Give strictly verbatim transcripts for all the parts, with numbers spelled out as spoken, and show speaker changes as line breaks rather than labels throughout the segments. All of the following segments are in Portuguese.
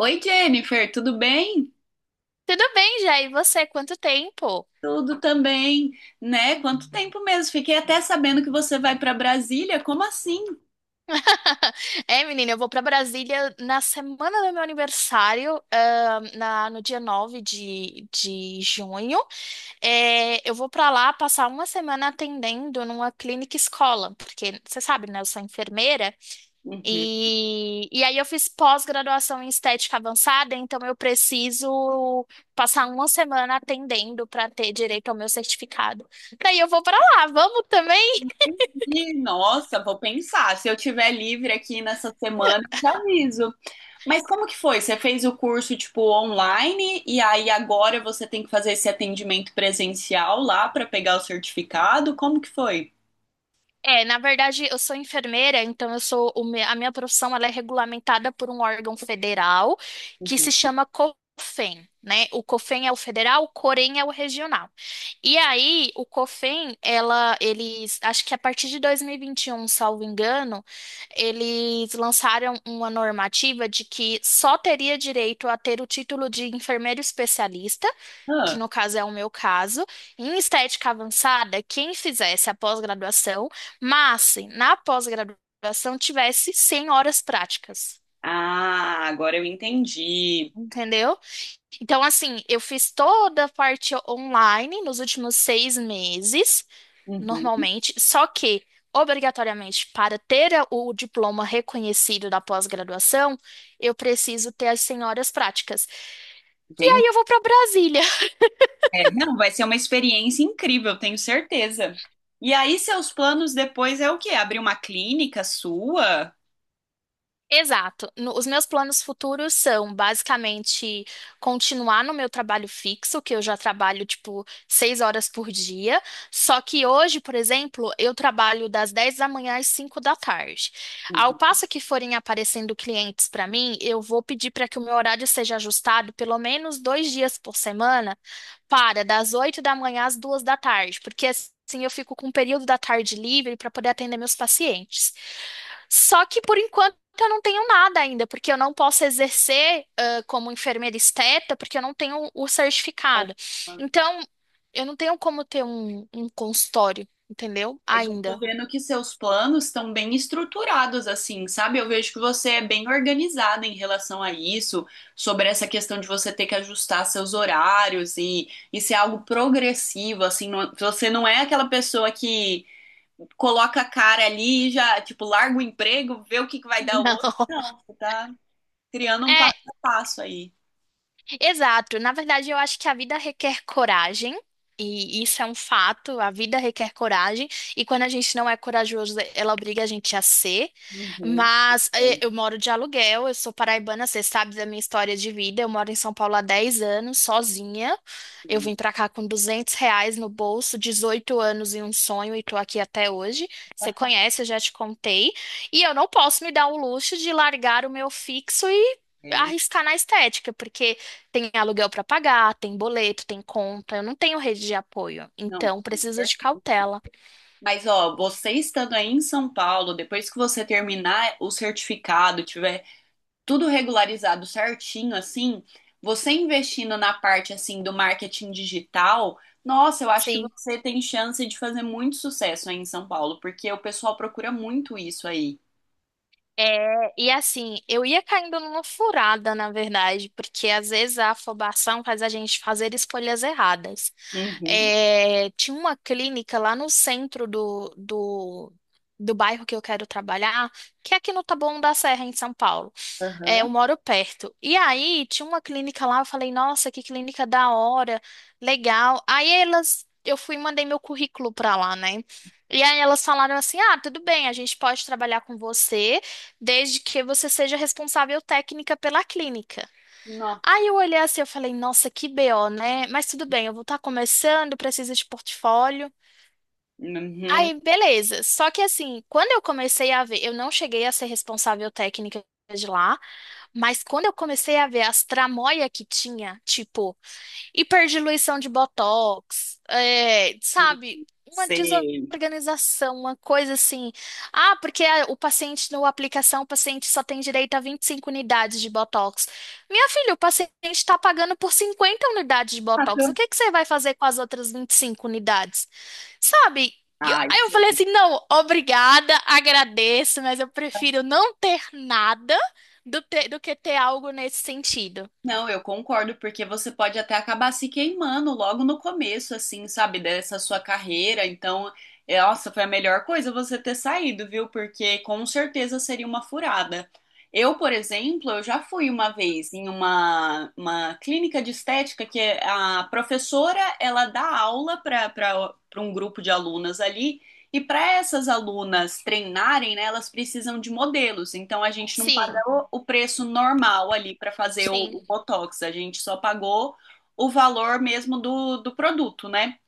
Oi, Jennifer, tudo bem?
Tudo bem, Jair? E você? Quanto tempo?
Tudo também, né? Quanto tempo mesmo? Fiquei até sabendo que você vai para Brasília. Como assim?
É, menina, eu vou para Brasília na semana do meu aniversário, ah, na, no dia nove de, de junho. É, eu vou para lá passar uma semana atendendo numa clínica escola, porque você sabe, né? Eu sou enfermeira
Uhum.
e, e aí eu fiz pós-graduação em estética avançada, então eu preciso passar uma semana atendendo para ter direito ao meu certificado. Daí eu vou para lá, vamos também?
E, nossa, vou pensar. Se eu tiver livre aqui nessa semana, eu te aviso. Mas como que foi? Você fez o curso tipo online e aí agora você tem que fazer esse atendimento presencial lá para pegar o certificado? Como que foi?
É, na verdade, eu sou enfermeira, então eu sou o me- a minha profissão ela é regulamentada por um órgão federal que se
Uhum.
chama COFEN, né? O COFEN é o federal, o COREN é o regional. E aí, o COFEN, ela, eles, acho que a partir de dois mil e vinte e um, salvo engano, eles lançaram uma normativa de que só teria direito a ter o título de enfermeiro especialista, que
Ah,
no caso é o meu caso, em estética avançada, quem fizesse a pós-graduação, mas se na pós-graduação tivesse cem horas práticas.
Ah, agora eu entendi.
Entendeu? Então, assim, eu fiz toda a parte online nos últimos seis meses,
Uhum.
normalmente, só que, obrigatoriamente, para ter a- o diploma reconhecido da pós-graduação, eu preciso ter as cem horas práticas. E
Entendi.
aí eu vou para Brasília.
É, não, vai ser uma experiência incrível, tenho certeza. E aí, seus planos depois é o quê? Abrir uma clínica sua?
Exato. No- os meus planos futuros são basicamente continuar no meu trabalho fixo, que eu já trabalho tipo seis horas por dia. Só que hoje, por exemplo, eu trabalho das dez da manhã às cinco da tarde. Ao
Uhum.
passo que forem aparecendo clientes para mim, eu vou pedir para que o meu horário seja ajustado pelo menos dois dias por semana, para, das oito da manhã às duas da tarde, porque assim eu fico com um período da tarde livre para poder atender meus pacientes. Só que por enquanto eu não tenho nada ainda, porque eu não posso exercer ah, como enfermeira esteta, porque eu não tenho o certificado. Então, eu não tenho como ter um, um consultório, entendeu?
Mas eu tô
Ainda.
vendo que seus planos estão bem estruturados, assim, sabe? Eu vejo que você é bem organizada em relação a isso, sobre essa questão de você ter que ajustar seus horários e isso é algo progressivo, assim, não- você não é aquela pessoa que coloca a cara ali e já, tipo, larga o emprego, vê o que que vai dar o
Não.
outro. Não, você tá. Criando um
É,
passo a passo aí.
exato. Na verdade, eu acho que a vida requer coragem, e isso é um fato. A vida requer coragem, e quando a gente não é corajoso, ela obriga a gente a ser.
Uhum,
Mas eh,
pode
eu moro de aluguel, eu sou paraibana, você sabe da minha história de vida. Eu moro em São Paulo há dez anos, sozinha. Eu
sim.
vim pra cá com duzentos reais no bolso, dezoito anos e um sonho, e tô aqui até hoje. Você conhece, eu já te contei. E eu não posso me dar o luxo de largar o meu fixo e
É,
arriscar na estética, porque tem aluguel para pagar, tem boleto, tem conta. Eu não tenho rede de apoio,
não,
então
com
preciso
certeza.
de cautela.
Mas, ó, você estando aí em São Paulo, depois que você terminar o certificado, tiver tudo regularizado certinho, assim, você investindo na parte, assim, do marketing digital, nossa, eu acho que
Sim.
você tem chance de fazer muito sucesso aí em São Paulo, porque o pessoal procura muito isso aí.
É, e assim, eu ia caindo numa furada, na verdade, porque às vezes a afobação faz a gente fazer escolhas erradas.
Uhum,
É, tinha uma clínica lá no centro do, do, do bairro que eu quero trabalhar, que é aqui no Taboão da Serra, em São Paulo. É,
aham.
eu moro perto. E aí, tinha uma clínica lá, eu falei, nossa, que clínica da hora, legal. Aí elas, eu fui e mandei meu currículo pra lá, né? E aí elas falaram assim, ah, tudo bem, a gente pode trabalhar com você, desde que você seja responsável técnica pela clínica.
Não.
Aí eu olhei assim, eu falei, nossa, que B O, né? Mas tudo bem, eu vou estar começando, precisa de portfólio.
Uhum,
Aí, beleza. Só que assim, quando eu comecei a ver, eu não cheguei a ser responsável técnica de lá, mas quando eu comecei a ver as tramóia que tinha, tipo, hiperdiluição de botox, é, sabe, uma
sei.
desorganização, uma coisa assim. Ah, porque a- o paciente, na aplicação, o paciente só tem direito a vinte e cinco unidades de botox. Minha filha, o paciente está pagando por cinquenta unidades de
Ah,
botox. O
tá.
que que você vai fazer com as outras vinte e cinco unidades? Sabe? E eu-
Ai,
Aí eu falei assim: não, obrigada, agradeço, mas eu prefiro não ter nada do, te- do que ter algo nesse sentido.
não, eu concordo, porque você pode até acabar se queimando logo no começo, assim, sabe, dessa sua carreira. Então, é, nossa, foi a melhor coisa você ter saído, viu? Porque com certeza seria uma furada. Eu, por exemplo, eu já fui uma vez em uma, uma clínica de estética que a professora, ela dá aula para para um grupo de alunas ali. E para essas alunas treinarem, né, elas precisam de modelos. Então a gente não paga
Sim,
pagou o preço normal ali para fazer o, o
sim,
Botox, a gente só pagou o valor mesmo do, do produto, né?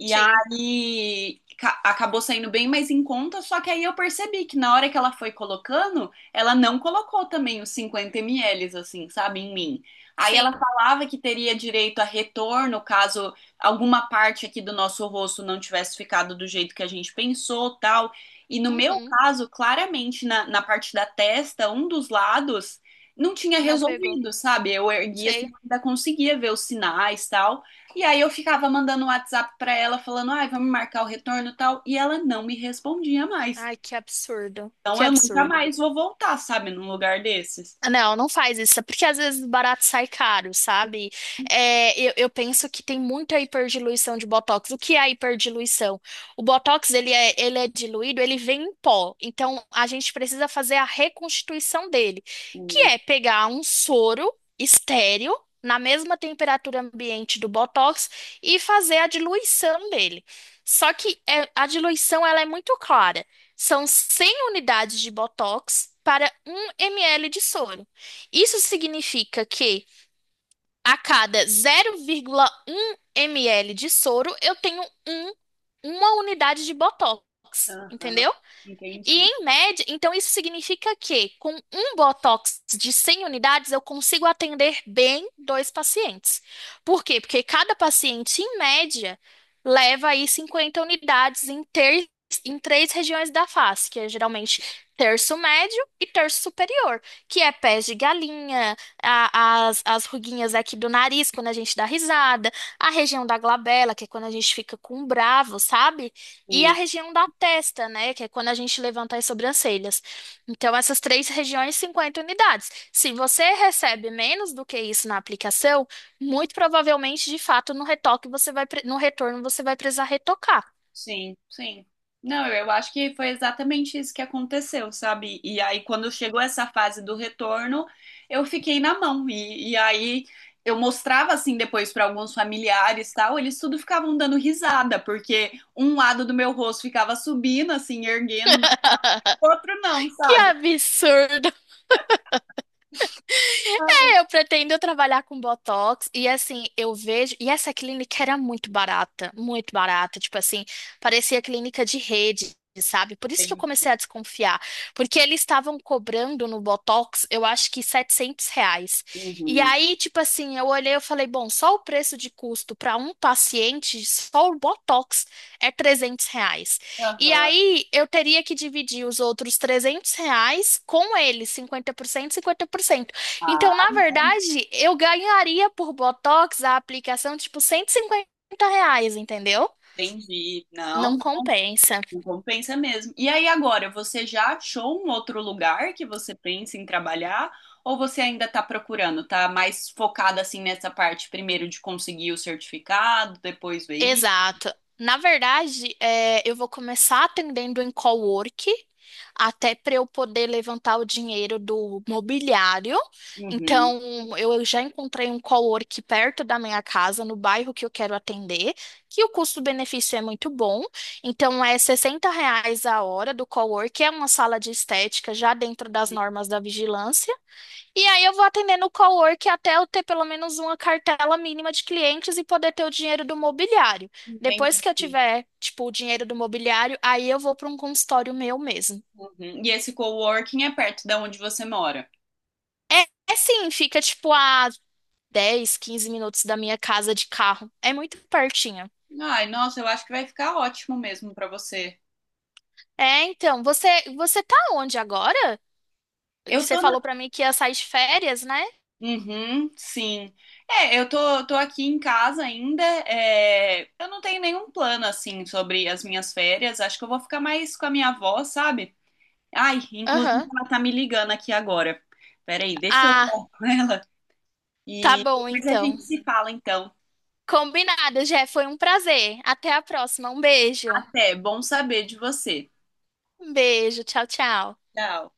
E
sim,
aí ca- acabou saindo bem mais em conta, só que aí eu percebi que na hora que ela foi colocando, ela não colocou também os cinquenta mililitros, assim, sabe, em mim. Aí ela
sim.
falava que teria direito a retorno caso alguma parte aqui do nosso rosto não tivesse ficado do jeito que a gente pensou, tal. E no meu
Uhum.
caso, claramente, na, na parte da testa, um dos lados não tinha
Não pegou.
resolvido, sabe? Eu erguia assim,
Sei.
ainda conseguia ver os sinais, tal. E aí eu ficava mandando um WhatsApp pra ela falando, ai, vamos marcar o retorno e tal, e ela não me respondia mais.
Ai, que absurdo.
Então
Que
eu nunca
absurdo.
mais vou voltar, sabe, num lugar desses.
Não, não faz isso, é porque às vezes barato sai caro, sabe? É, eu, eu penso que tem muita hiperdiluição de botox. O que é a hiperdiluição? O botox, ele é, ele é diluído, ele vem em pó. Então, a gente precisa fazer a reconstituição dele, que
Hum.
é pegar um soro estéril na mesma temperatura ambiente do botox e fazer a diluição dele. Só que é, a diluição, ela é muito clara. São cem unidades de Botox para um mililitro de soro. Isso significa que a cada zero vírgula um ml de soro eu tenho um, uma unidade de Botox,
Aham,
entendeu? E
entendi.
em média, então isso significa que com um Botox de cem unidades eu consigo atender bem dois pacientes. Por quê? Porque cada paciente, em média, leva aí cinquenta unidades em, ter, em três regiões da face, que é geralmente terço médio e terço superior, que é pés de galinha, a- as, as ruguinhas aqui do nariz quando a gente dá risada, a região da glabela, que é quando a gente fica com um bravo, sabe? E a região da testa, né? Que é quando a gente levanta as sobrancelhas. Então, essas três regiões, cinquenta unidades. Se você recebe menos do que isso na aplicação, muito provavelmente, de fato, no retoque você vai, pre- no retorno você vai precisar retocar.
Sim, sim. Não, eu eu acho que foi exatamente isso que aconteceu, sabe? E aí, quando chegou essa fase do retorno, eu fiquei na mão. E, e aí, eu mostrava assim depois para alguns familiares e tal, eles tudo ficavam dando risada, porque um lado do meu rosto ficava subindo, assim, erguendo, no o outro não,
Que
sabe?
absurdo! É, eu pretendo trabalhar com Botox e assim, eu vejo. E essa clínica era muito barata, muito barata. Tipo assim, parecia clínica de rede, sabe? Por isso que eu
Sim.
comecei a desconfiar. Porque eles estavam cobrando no Botox, eu acho que setecentos reais. E
Uhum.
aí, tipo assim, eu olhei e falei: bom, só o preço de custo para um paciente, só o Botox é trezentos reais. E
Aham.
aí eu teria que dividir os outros trezentos reais com eles, cinquenta cinquenta por cento, cinquenta por cento, então,
Ah,
na
não,
verdade, eu ganharia por Botox a aplicação tipo cento e cinquenta reais, entendeu?
entendi. Não.
Não compensa.
Não compensa mesmo. E aí agora, você já achou um outro lugar que você pensa em trabalhar? Ou você ainda está procurando? Tá mais focada assim nessa parte primeiro de conseguir o certificado, depois ver isso?
Exato. Na verdade, é, eu vou começar atendendo em cowork, até para eu poder levantar o dinheiro do mobiliário.
Uhum.
Então, eu já encontrei um cowork perto da minha casa, no bairro que eu quero atender, que o custo-benefício é muito bom. Então, é sessenta reais a hora do cowork, é uma sala de estética já dentro das normas da vigilância. E aí eu vou atendendo o cowork até eu ter pelo menos uma cartela mínima de clientes e poder ter o dinheiro do mobiliário. Depois
Entendi.
que eu tiver, tipo, o dinheiro do mobiliário, aí eu vou para um consultório meu mesmo.
Uhum. E esse coworking é perto da onde você mora?
É, é sim, fica tipo a dez quinze minutos da minha casa de carro. É muito pertinho.
Ai, nossa, eu acho que vai ficar ótimo mesmo para você.
É, então, você você tá onde agora?
Eu
Você
tô
falou
na
para mim que ia sair de férias, né?
Uhum, sim. É, eu tô, tô aqui em casa ainda. É, eu não tenho nenhum plano assim sobre as minhas férias. Acho que eu vou ficar mais com a minha avó, sabe? Ai, inclusive
Aham.
ela tá me ligando aqui agora. Peraí, deixa eu
Ah,
falar com ela.
tá
E
bom
depois a gente
então.
se fala, então.
Combinado, Jé, foi um prazer. Até a próxima. Um beijo.
Até, bom saber de você.
Um beijo, tchau, tchau.
Tchau.